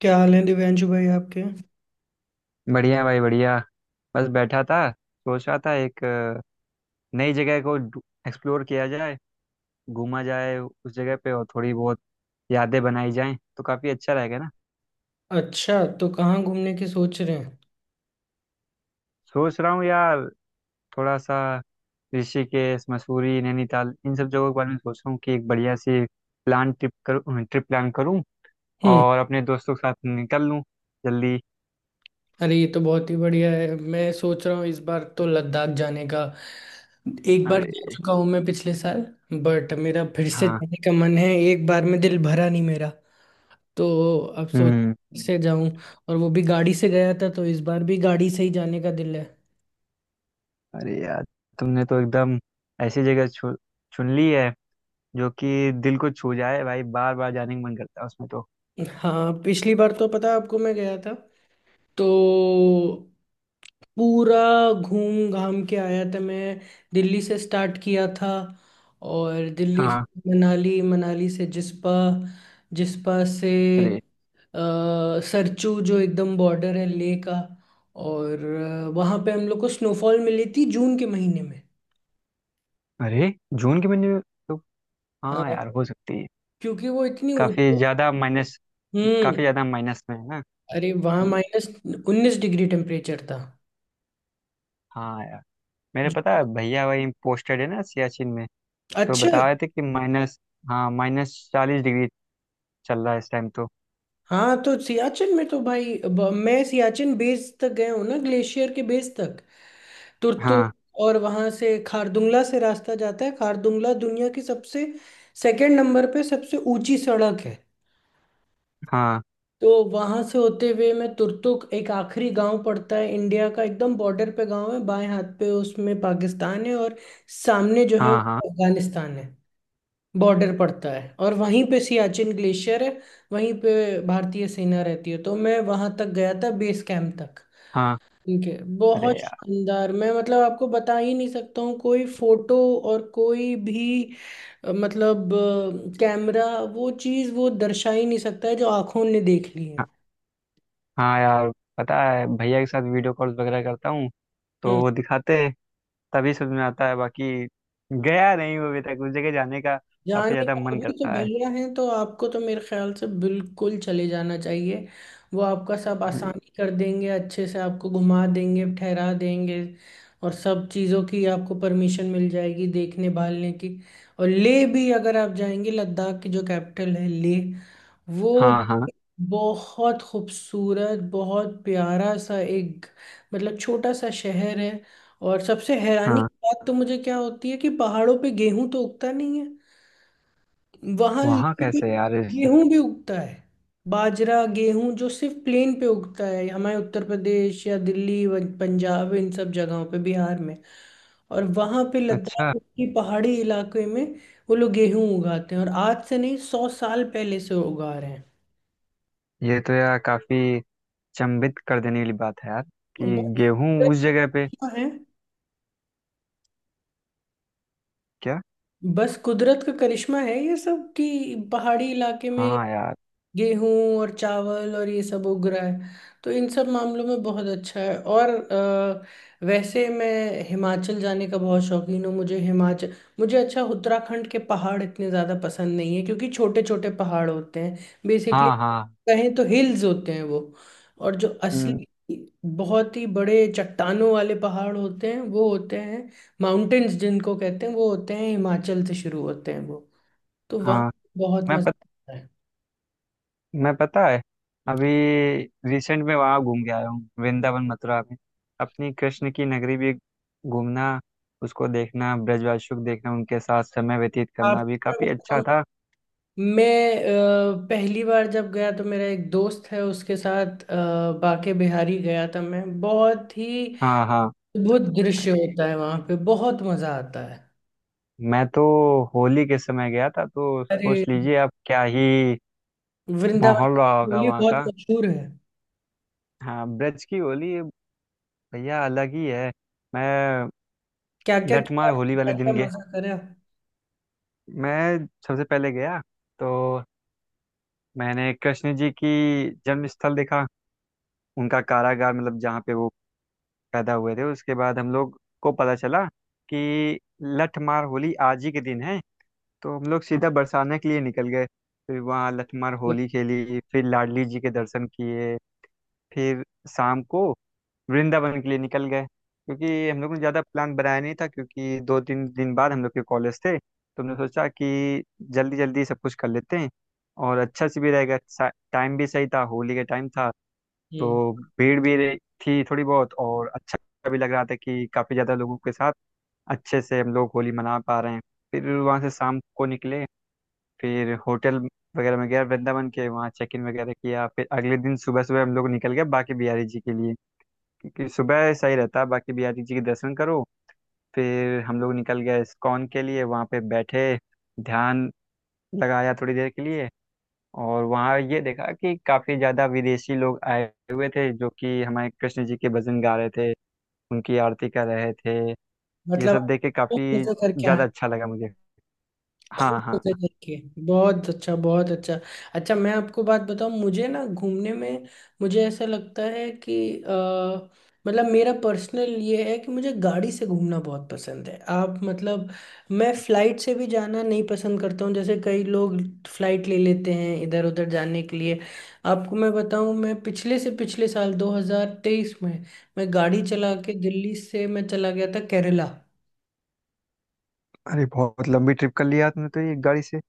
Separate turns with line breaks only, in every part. क्या हाल है दिव्यांशु भाई आपके?
बढ़िया भाई बढ़िया। बस बैठा था, सोच रहा था एक नई जगह को एक्सप्लोर किया जाए, घूमा जाए उस जगह पे और थोड़ी बहुत यादें बनाई जाएं, तो काफी अच्छा रहेगा ना।
अच्छा, तो कहाँ घूमने की सोच रहे हैं?
सोच रहा हूँ यार, थोड़ा सा ऋषिकेश, मसूरी, नैनीताल इन सब जगहों के बारे में सोच रहा हूँ कि एक बढ़िया सी प्लान ट्रिप करूँ ट्रिप प्लान करूँ
हम्म।
और अपने दोस्तों के साथ निकल लूँ जल्दी।
अरे, ये तो बहुत ही बढ़िया है। मैं सोच रहा हूँ इस बार तो लद्दाख जाने का। एक बार जा
अरे,
चुका हूँ मैं पिछले साल। बट मेरा फिर से
हाँ।
जाने का मन है, एक बार में दिल भरा नहीं मेरा। तो अब सोच
हम्म।
से जाऊं, और वो भी गाड़ी से गया था तो इस बार भी गाड़ी से ही जाने का दिल है।
अरे यार, तुमने तो एकदम ऐसी जगह चुन ली है जो कि दिल को छू जाए भाई, बार बार जाने का मन करता है उसमें तो।
हाँ, पिछली बार तो पता है आपको मैं गया था, तो पूरा घूम घाम के आया था मैं। दिल्ली से स्टार्ट किया था, और दिल्ली
हाँ।
से मनाली, मनाली से जिस्पा, जिस्पा से
अरे।
सरचू, जो एकदम बॉर्डर है लेह का। और वहाँ पे हम लोग को स्नोफॉल मिली थी जून के महीने में।
अरे, जून के महीने में तो, हाँ यार,
हाँ,
हो सकती है।
क्योंकि वो इतनी
काफी ज्यादा माइनस काफी
हम्म।
ज्यादा माइनस में है ना।
अरे, वहाँ
हम्म,
माइनस 19 डिग्री टेम्परेचर था।
हाँ यार। मेरे, पता है, भैया वही पोस्टेड है ना सियाचिन में, तो
अच्छा।
बता रहे थे कि माइनस हाँ, माइनस 40 डिग्री चल रहा है इस टाइम तो।
हाँ, तो सियाचिन में तो भाई अब मैं सियाचिन बेस तक गया हूँ ना, ग्लेशियर के बेस तक। तुर्तु
हाँ,
और वहां से खारदुंगला से रास्ता जाता है। खारदुंगला दुनिया की सबसे, सेकंड नंबर पे सबसे ऊंची सड़क है।
हाँ,
तो वहां से होते हुए मैं तुर्तुक, एक आखिरी गांव पड़ता है इंडिया का, एकदम बॉर्डर पे गांव है, बाएं हाथ पे उसमें पाकिस्तान है और सामने जो है
हाँ, हाँ,
अफगानिस्तान है, बॉर्डर पड़ता है, और वहीं पे सियाचिन ग्लेशियर है। वहीं पे भारतीय सेना रहती है, तो मैं वहां तक गया था बेस कैंप तक।
हाँ।
ठीक है,
अरे
बहुत
यार।
शानदार, मैं मतलब आपको बता ही नहीं सकता हूँ। कोई फोटो और कोई भी मतलब कैमरा, वो चीज़ वो दर्शा ही नहीं सकता है जो आंखों ने देख ली है।
हाँ, हाँ यार, पता है भैया के साथ वीडियो कॉल वगैरह करता हूँ, तो वो
हम्म।
दिखाते हैं, तभी समझ में आता है। बाकी गया नहीं हूँ अभी तक उस जगह, जाने का काफी
जाने
ज्यादा
का
मन
अभी तो
करता है।
भैया हैं, तो आपको तो मेरे ख्याल से बिल्कुल चले जाना चाहिए। वो आपका सब
हम्म,
आसानी कर देंगे, अच्छे से आपको घुमा देंगे, ठहरा देंगे, और सब चीज़ों की आपको परमिशन मिल जाएगी देखने भालने की। और ले भी अगर आप जाएंगे, लद्दाख की जो कैपिटल है ले, वो
हाँ, हाँ,
बहुत खूबसूरत, बहुत प्यारा सा एक, मतलब छोटा सा शहर है। और सबसे हैरानी
हाँ।
की बात तो मुझे क्या होती है कि पहाड़ों पे गेहूं तो उगता नहीं है, वहां
वहाँ
लेह में
कैसे यार, इससे
गेहूं भी उगता है। बाजरा, गेहूं जो सिर्फ प्लेन पे उगता है हमारे उत्तर प्रदेश या दिल्ली, पंजाब, इन सब जगहों पे, बिहार में, और वहां पे
अच्छा।
लद्दाख की पहाड़ी इलाके में वो लोग गेहूं उगाते हैं, और आज से नहीं, 100 साल पहले से उगा रहे हैं।
ये तो यार काफी चंभित कर देने वाली बात है यार,
तो
कि
बस
गेहूं
कुदरत
उस
का
जगह पे।
करिश्मा है।
क्या।
बस कुदरत का करिश्मा है ये सब, कि पहाड़ी इलाके में
हाँ यार।
गेहूं और चावल और ये सब उग रहा है। तो इन सब मामलों में बहुत अच्छा है। और वैसे मैं हिमाचल जाने का बहुत शौकीन हूँ, मुझे हिमाचल, मुझे अच्छा। उत्तराखंड के पहाड़ इतने ज़्यादा पसंद नहीं है क्योंकि छोटे छोटे पहाड़ होते हैं, बेसिकली
हाँ, हाँ।
कहें तो हिल्स होते हैं वो। और जो असली
हम्म।
बहुत ही बड़े चट्टानों वाले पहाड़ होते हैं, वो होते हैं माउंटेन्स, जिनको कहते हैं, वो होते हैं, हिमाचल से शुरू होते हैं वो। तो वहाँ
हाँ,
बहुत
मैं
मज़ा आता है।
मैं पता है, अभी रिसेंट में वहाँ घूम के आया हूँ, वृंदावन मथुरा में। अपनी कृष्ण की नगरी भी घूमना, उसको देखना, ब्रजवासुक देखना, उनके साथ समय व्यतीत
आप,
करना भी काफी अच्छा था।
मैं पहली बार जब गया तो मेरा एक दोस्त है उसके साथ बांके बिहारी गया था मैं, बहुत ही
हाँ, हाँ।
अद्भुत दृश्य
अरे,
होता है वहां पे, बहुत मजा आता है।
मैं तो होली के समय गया था, तो
अरे,
सोच लीजिए अब क्या ही
वृंदावन
माहौल
की
रहा होगा
चोली
वहाँ
बहुत
का।
मशहूर है।
हाँ, ब्रज की होली भैया अलग ही है। मैं
क्या क्या किया,
लठमार होली वाले
क्या क्या
दिन गया।
मजा करा?
मैं सबसे पहले गया, तो मैंने कृष्ण जी की जन्म स्थल देखा, उनका कारागार, मतलब जहाँ पे वो पैदा हुए थे। उसके बाद हम लोग को पता चला कि लठमार होली आज ही के दिन है, तो हम लोग सीधा बरसाना के लिए निकल गए। फिर वहाँ लठमार होली खेली, फिर लाडली जी के दर्शन किए, फिर शाम को वृंदावन के लिए निकल गए, क्योंकि हम लोग ने ज़्यादा प्लान बनाया नहीं था, क्योंकि दो तीन दिन बाद हम लोग के कॉलेज थे, तो हमने सोचा कि जल्दी जल्दी सब कुछ कर लेते हैं और अच्छा से भी रहेगा। टाइम भी सही था, होली का टाइम था,
जी।
तो भीड़ भी थी थोड़ी बहुत, और अच्छा भी लग रहा था कि काफ़ी ज़्यादा लोगों के साथ अच्छे से हम लोग होली मना पा रहे हैं। फिर वहाँ से शाम को निकले, फिर होटल वगैरह में गया वृंदावन के, वहाँ चेक इन वगैरह किया, फिर अगले दिन सुबह सुबह हम लोग निकल गए बाकी बिहारी जी के लिए, कि सुबह सही रहता है। बाकी बिहारी जी के दर्शन करो। फिर हम लोग निकल गए इस्कॉन के लिए, वहाँ पे बैठे, ध्यान लगाया थोड़ी देर के लिए। और वहाँ ये देखा कि काफ़ी ज़्यादा विदेशी लोग आए हुए थे जो कि हमारे कृष्ण जी के भजन गा रहे थे, उनकी आरती कर रहे थे। ये
मतलब आप
सब देख के
बहुत
काफ़ी
मजा करके आए,
ज़्यादा अच्छा लगा मुझे। हाँ,
खूब
हाँ।
मजे करके। बहुत अच्छा, बहुत अच्छा। अच्छा, मैं आपको बात बताऊं, मुझे ना घूमने में, मुझे ऐसा लगता है कि अ, मतलब मेरा पर्सनल ये है कि मुझे गाड़ी से घूमना बहुत पसंद है। आप मतलब, मैं फ्लाइट से भी जाना नहीं पसंद करता हूँ, जैसे कई लोग फ्लाइट ले लेते हैं इधर उधर जाने के लिए। आपको मैं बताऊं, मैं पिछले से पिछले साल 2023 में, मैं गाड़ी चला के दिल्ली से मैं चला गया था केरला।
अरे, बहुत लंबी ट्रिप कर लिया तुमने तो ये, गाड़ी से।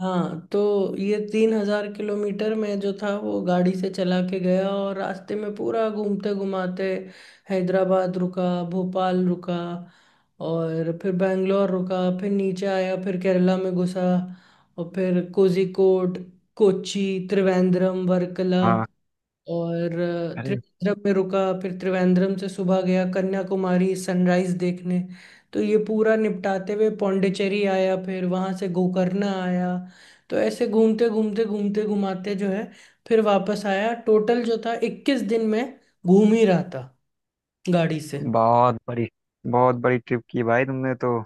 हाँ, तो ये 3,000 किलोमीटर में जो था, वो गाड़ी से चला के गया, और रास्ते में पूरा घूमते घुमाते हैदराबाद रुका, भोपाल रुका, और फिर बैंगलोर रुका, फिर नीचे आया, फिर केरला में घुसा, और फिर कोझिकोड, कोची, त्रिवेंद्रम, वर्कला,
हाँ।
और
अरे,
त्रिवेंद्रम में रुका। फिर त्रिवेंद्रम से सुबह गया कन्याकुमारी सनराइज देखने। तो ये पूरा निपटाते हुए पौंडीचेरी आया, फिर वहां से गोकर्ण आया। तो ऐसे घूमते घूमते घूमते घुमाते जो है, फिर वापस आया। टोटल जो था 21 दिन में घूम ही रहा था गाड़ी से।
बहुत बड़ी, बहुत बड़ी ट्रिप की भाई तुमने तो,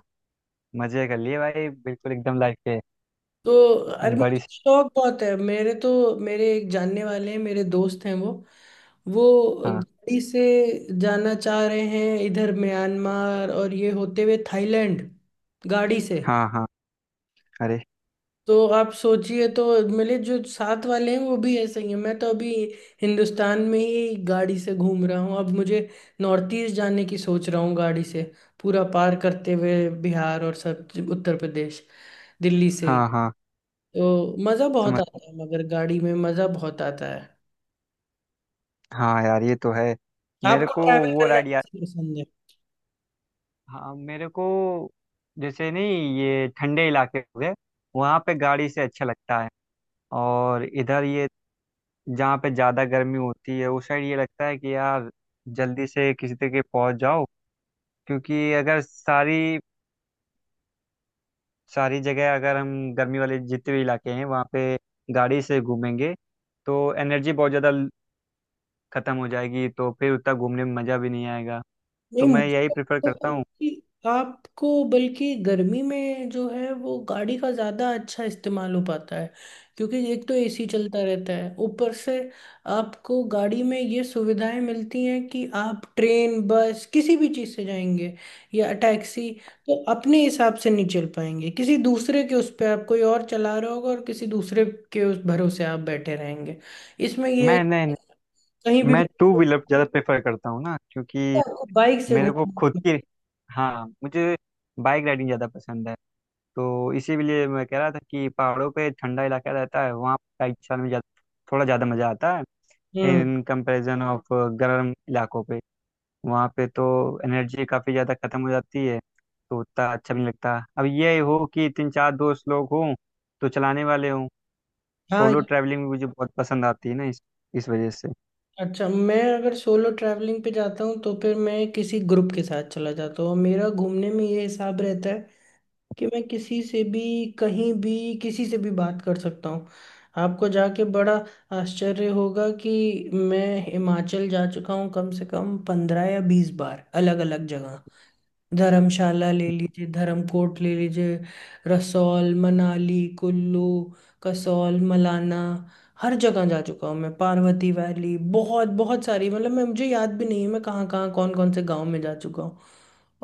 मज़े कर लिए भाई, बिल्कुल एकदम लाइफ के।
तो अरे, मुझे
बड़ी।
शौक बहुत है। मेरे तो, मेरे एक जानने वाले हैं, मेरे दोस्त हैं, वो
हाँ,
गाड़ी से जाना चाह रहे हैं इधर म्यांमार और ये होते हुए थाईलैंड, गाड़ी से।
हाँ, हाँ। अरे,
तो आप सोचिए। तो मेरे जो साथ वाले हैं वो भी ऐसे ही हैं। मैं तो अभी हिंदुस्तान में ही गाड़ी से घूम रहा हूँ, अब मुझे नॉर्थ ईस्ट जाने की सोच रहा हूँ, गाड़ी से, पूरा पार करते हुए बिहार और सब, उत्तर प्रदेश, दिल्ली से ही।
हाँ, हाँ।
तो मजा बहुत
समझ।
आता है, मगर गाड़ी में मजा बहुत आता है।
हाँ यार, ये तो है। मेरे
आपको
को
ट्रैवल
वो
करना
राइड याद।
कैसे पसंद है?
हाँ, मेरे को जैसे, नहीं, ये ठंडे इलाके हो गए, वहाँ पे गाड़ी से अच्छा लगता है। और इधर ये, जहाँ पे ज़्यादा गर्मी होती है उस साइड, ये लगता है कि यार जल्दी से किसी तरीके पहुँच जाओ। क्योंकि अगर सारी, सारी जगह अगर हम, गर्मी वाले जितने भी इलाके हैं वहाँ पे गाड़ी से घूमेंगे, तो एनर्जी बहुत ज़्यादा खत्म हो जाएगी, तो फिर उतना घूमने में मज़ा भी नहीं आएगा।
नहीं,
तो मैं यही
मुझे
प्रेफर
तो
करता हूँ।
कि आपको, बल्कि गर्मी में जो है वो गाड़ी का ज़्यादा अच्छा इस्तेमाल हो पाता है। क्योंकि एक तो एसी चलता रहता है, ऊपर से आपको गाड़ी में ये सुविधाएं मिलती हैं कि आप ट्रेन, बस, किसी भी चीज़ से जाएंगे या टैक्सी, तो अपने हिसाब से नहीं चल पाएंगे, किसी दूसरे के उस पर, आप, कोई और चला रहा होगा और किसी दूसरे के उस भरोसे आप बैठे रहेंगे। इसमें ये है
मैं,
कि
नहीं, नहीं,
कहीं भी
मैं टू व्हीलर ज़्यादा प्रेफर करता हूँ ना, क्योंकि
आपको बाइक से
मेरे को खुद
घूमना,
की। हाँ, मुझे बाइक राइडिंग ज़्यादा पसंद है। तो इसीलिए मैं कह रहा था कि पहाड़ों पे ठंडा इलाका रहता है, वहाँ बाइक चलाने में ज़्यादा थोड़ा ज़्यादा मज़ा आता है,
हम्म,
इन कंपैरिजन ऑफ गर्म इलाकों पे। वहाँ पे तो एनर्जी काफ़ी ज़्यादा ख़त्म हो जाती है, तो उतना अच्छा भी नहीं लगता। अब ये हो कि तीन चार दोस्त लोग हों, तो चलाने वाले हों।
हाँ।
सोलो ट्रैवलिंग भी मुझे बहुत पसंद आती है ना, इस वजह से।
अच्छा, मैं अगर सोलो ट्रैवलिंग पे जाता हूँ तो फिर मैं किसी ग्रुप के साथ चला जाता हूँ। मेरा घूमने में ये हिसाब रहता है कि मैं किसी से भी, कहीं भी, किसी से भी बात कर सकता हूँ। आपको जाके बड़ा आश्चर्य होगा कि मैं हिमाचल जा चुका हूँ कम से कम 15 या 20 बार, अलग अलग जगह। धर्मशाला ले लीजिए, धर्मकोट ले लीजिए, रसौल, मनाली, कुल्लू, कसौल, मलाना, हर जगह जा चुका हूँ मैं, पार्वती वैली, बहुत बहुत सारी, मतलब मैं, मुझे याद भी नहीं है मैं कहाँ कहाँ कौन कौन से गांव में जा चुका हूँ।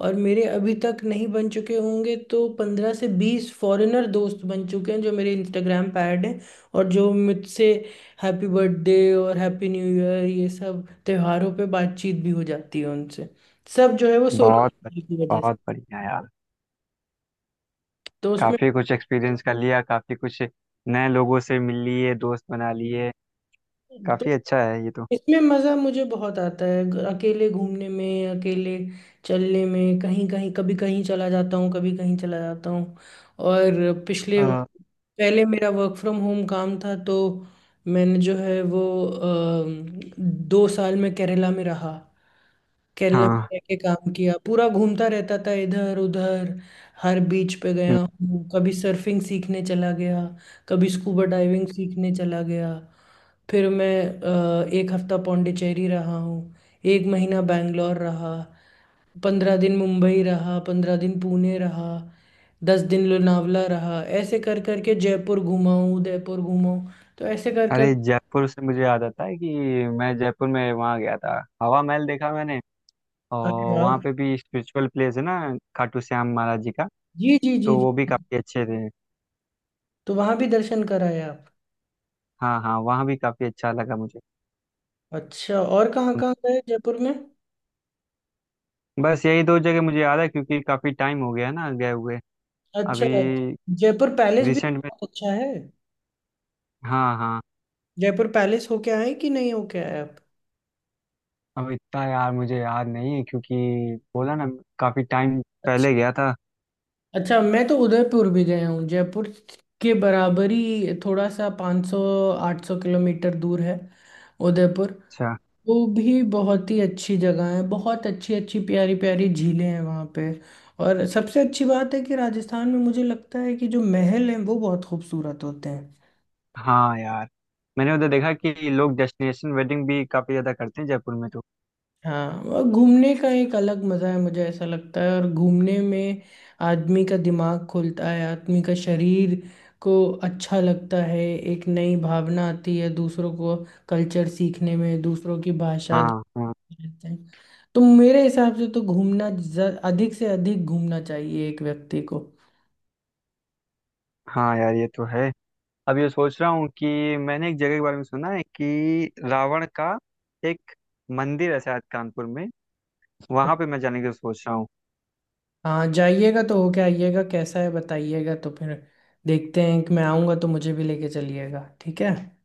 और मेरे अभी तक नहीं बन चुके होंगे तो 15 से 20 फॉरेनर दोस्त बन चुके हैं जो मेरे इंस्टाग्राम पे ऐड हैं, और जो मुझसे हैप्पी बर्थडे और हैप्पी न्यू ईयर, ये सब त्योहारों पे बातचीत भी हो जाती है उनसे। सब जो है वो सोलो
बहुत,
की वजह से।
बहुत बढ़िया यार।
तो उसमें,
काफी कुछ एक्सपीरियंस कर लिया, काफी कुछ नए लोगों से मिल लिए, दोस्त बना लिए,
तो
काफी अच्छा है ये तो।
इसमें मज़ा मुझे बहुत आता है, अकेले घूमने में, अकेले चलने में, कहीं कहीं, कभी कहीं चला जाता हूँ, कभी कहीं चला जाता हूँ। और पिछले,
हाँ,
पहले मेरा वर्क फ्रॉम होम काम था, तो मैंने जो है वो अ, 2 साल में केरला में रहा। केरला में
हाँ।
रह के काम किया, पूरा घूमता रहता था इधर उधर। हर बीच पे
हम्म।
गया हूँ, कभी सर्फिंग सीखने चला गया, कभी स्कूबा डाइविंग सीखने चला गया। फिर मैं एक हफ्ता पौंडीचेरी रहा हूँ, एक महीना बैंगलोर रहा, 15 दिन मुंबई रहा, 15 दिन पुणे रहा, 10 दिन लोनावला रहा, ऐसे कर करके जयपुर घुमा हूँ, उदयपुर घुमा हूँ। तो ऐसे कर कर,
अरे, जयपुर से मुझे याद आता है कि मैं जयपुर में वहाँ गया था, हवा महल देखा मैंने।
अरे
और वहाँ
वाह,
पे भी स्पिरिचुअल प्लेस है ना, खाटू श्याम महाराज जी का,
जी जी जी
तो वो भी
जी,
काफी अच्छे थे।
तो वहां भी दर्शन कराया।
हाँ, हाँ, वहाँ भी काफी अच्छा लगा मुझे।
अच्छा, और कहाँ कहाँ गए जयपुर में?
बस यही दो जगह मुझे याद है, क्योंकि काफी टाइम हो गया ना गए हुए।
अच्छा।
अभी,
जयपुर पैलेस भी तो
रिसेंट में।
बहुत अच्छा है,
हाँ, हाँ।
जयपुर पैलेस होके आए कि नहीं होके आए आप?
अब इतना यार मुझे याद नहीं है, क्योंकि, बोला ना, काफी टाइम
अच्छा।
पहले गया था।
अच्छा, मैं तो उदयपुर भी गया हूँ, जयपुर के बराबर ही, थोड़ा सा 500, 800 किलोमीटर दूर है उदयपुर।
अच्छा।
वो भी बहुत ही अच्छी जगह है, बहुत अच्छी अच्छी प्यारी प्यारी झीलें हैं वहाँ पे। और सबसे अच्छी बात है कि राजस्थान में मुझे लगता है कि जो महल हैं वो बहुत खूबसूरत होते हैं।
हाँ यार, मैंने उधर देखा कि लोग डेस्टिनेशन वेडिंग भी काफी ज्यादा करते हैं जयपुर में तो।
हाँ, और घूमने का एक अलग मज़ा है, मुझे ऐसा लगता है, और घूमने में आदमी का दिमाग खुलता है, आदमी का शरीर को अच्छा लगता है, एक नई भावना आती है, दूसरों को, कल्चर सीखने में, दूसरों की भाषा
हाँ, हाँ।
देखते हैं। तो मेरे हिसाब से तो घूमना, अधिक से अधिक घूमना चाहिए एक व्यक्ति को।
हाँ यार, ये तो है। अब ये सोच रहा हूँ कि मैंने एक जगह के बारे में सुना है कि रावण का एक मंदिर है शायद कानपुर में, वहां पे मैं जाने की सोच रहा हूँ।
हाँ, जाइएगा तो होके आइएगा, कैसा है बताइएगा, तो फिर देखते हैं कि मैं आऊँगा तो मुझे भी लेके चलिएगा। ठीक है।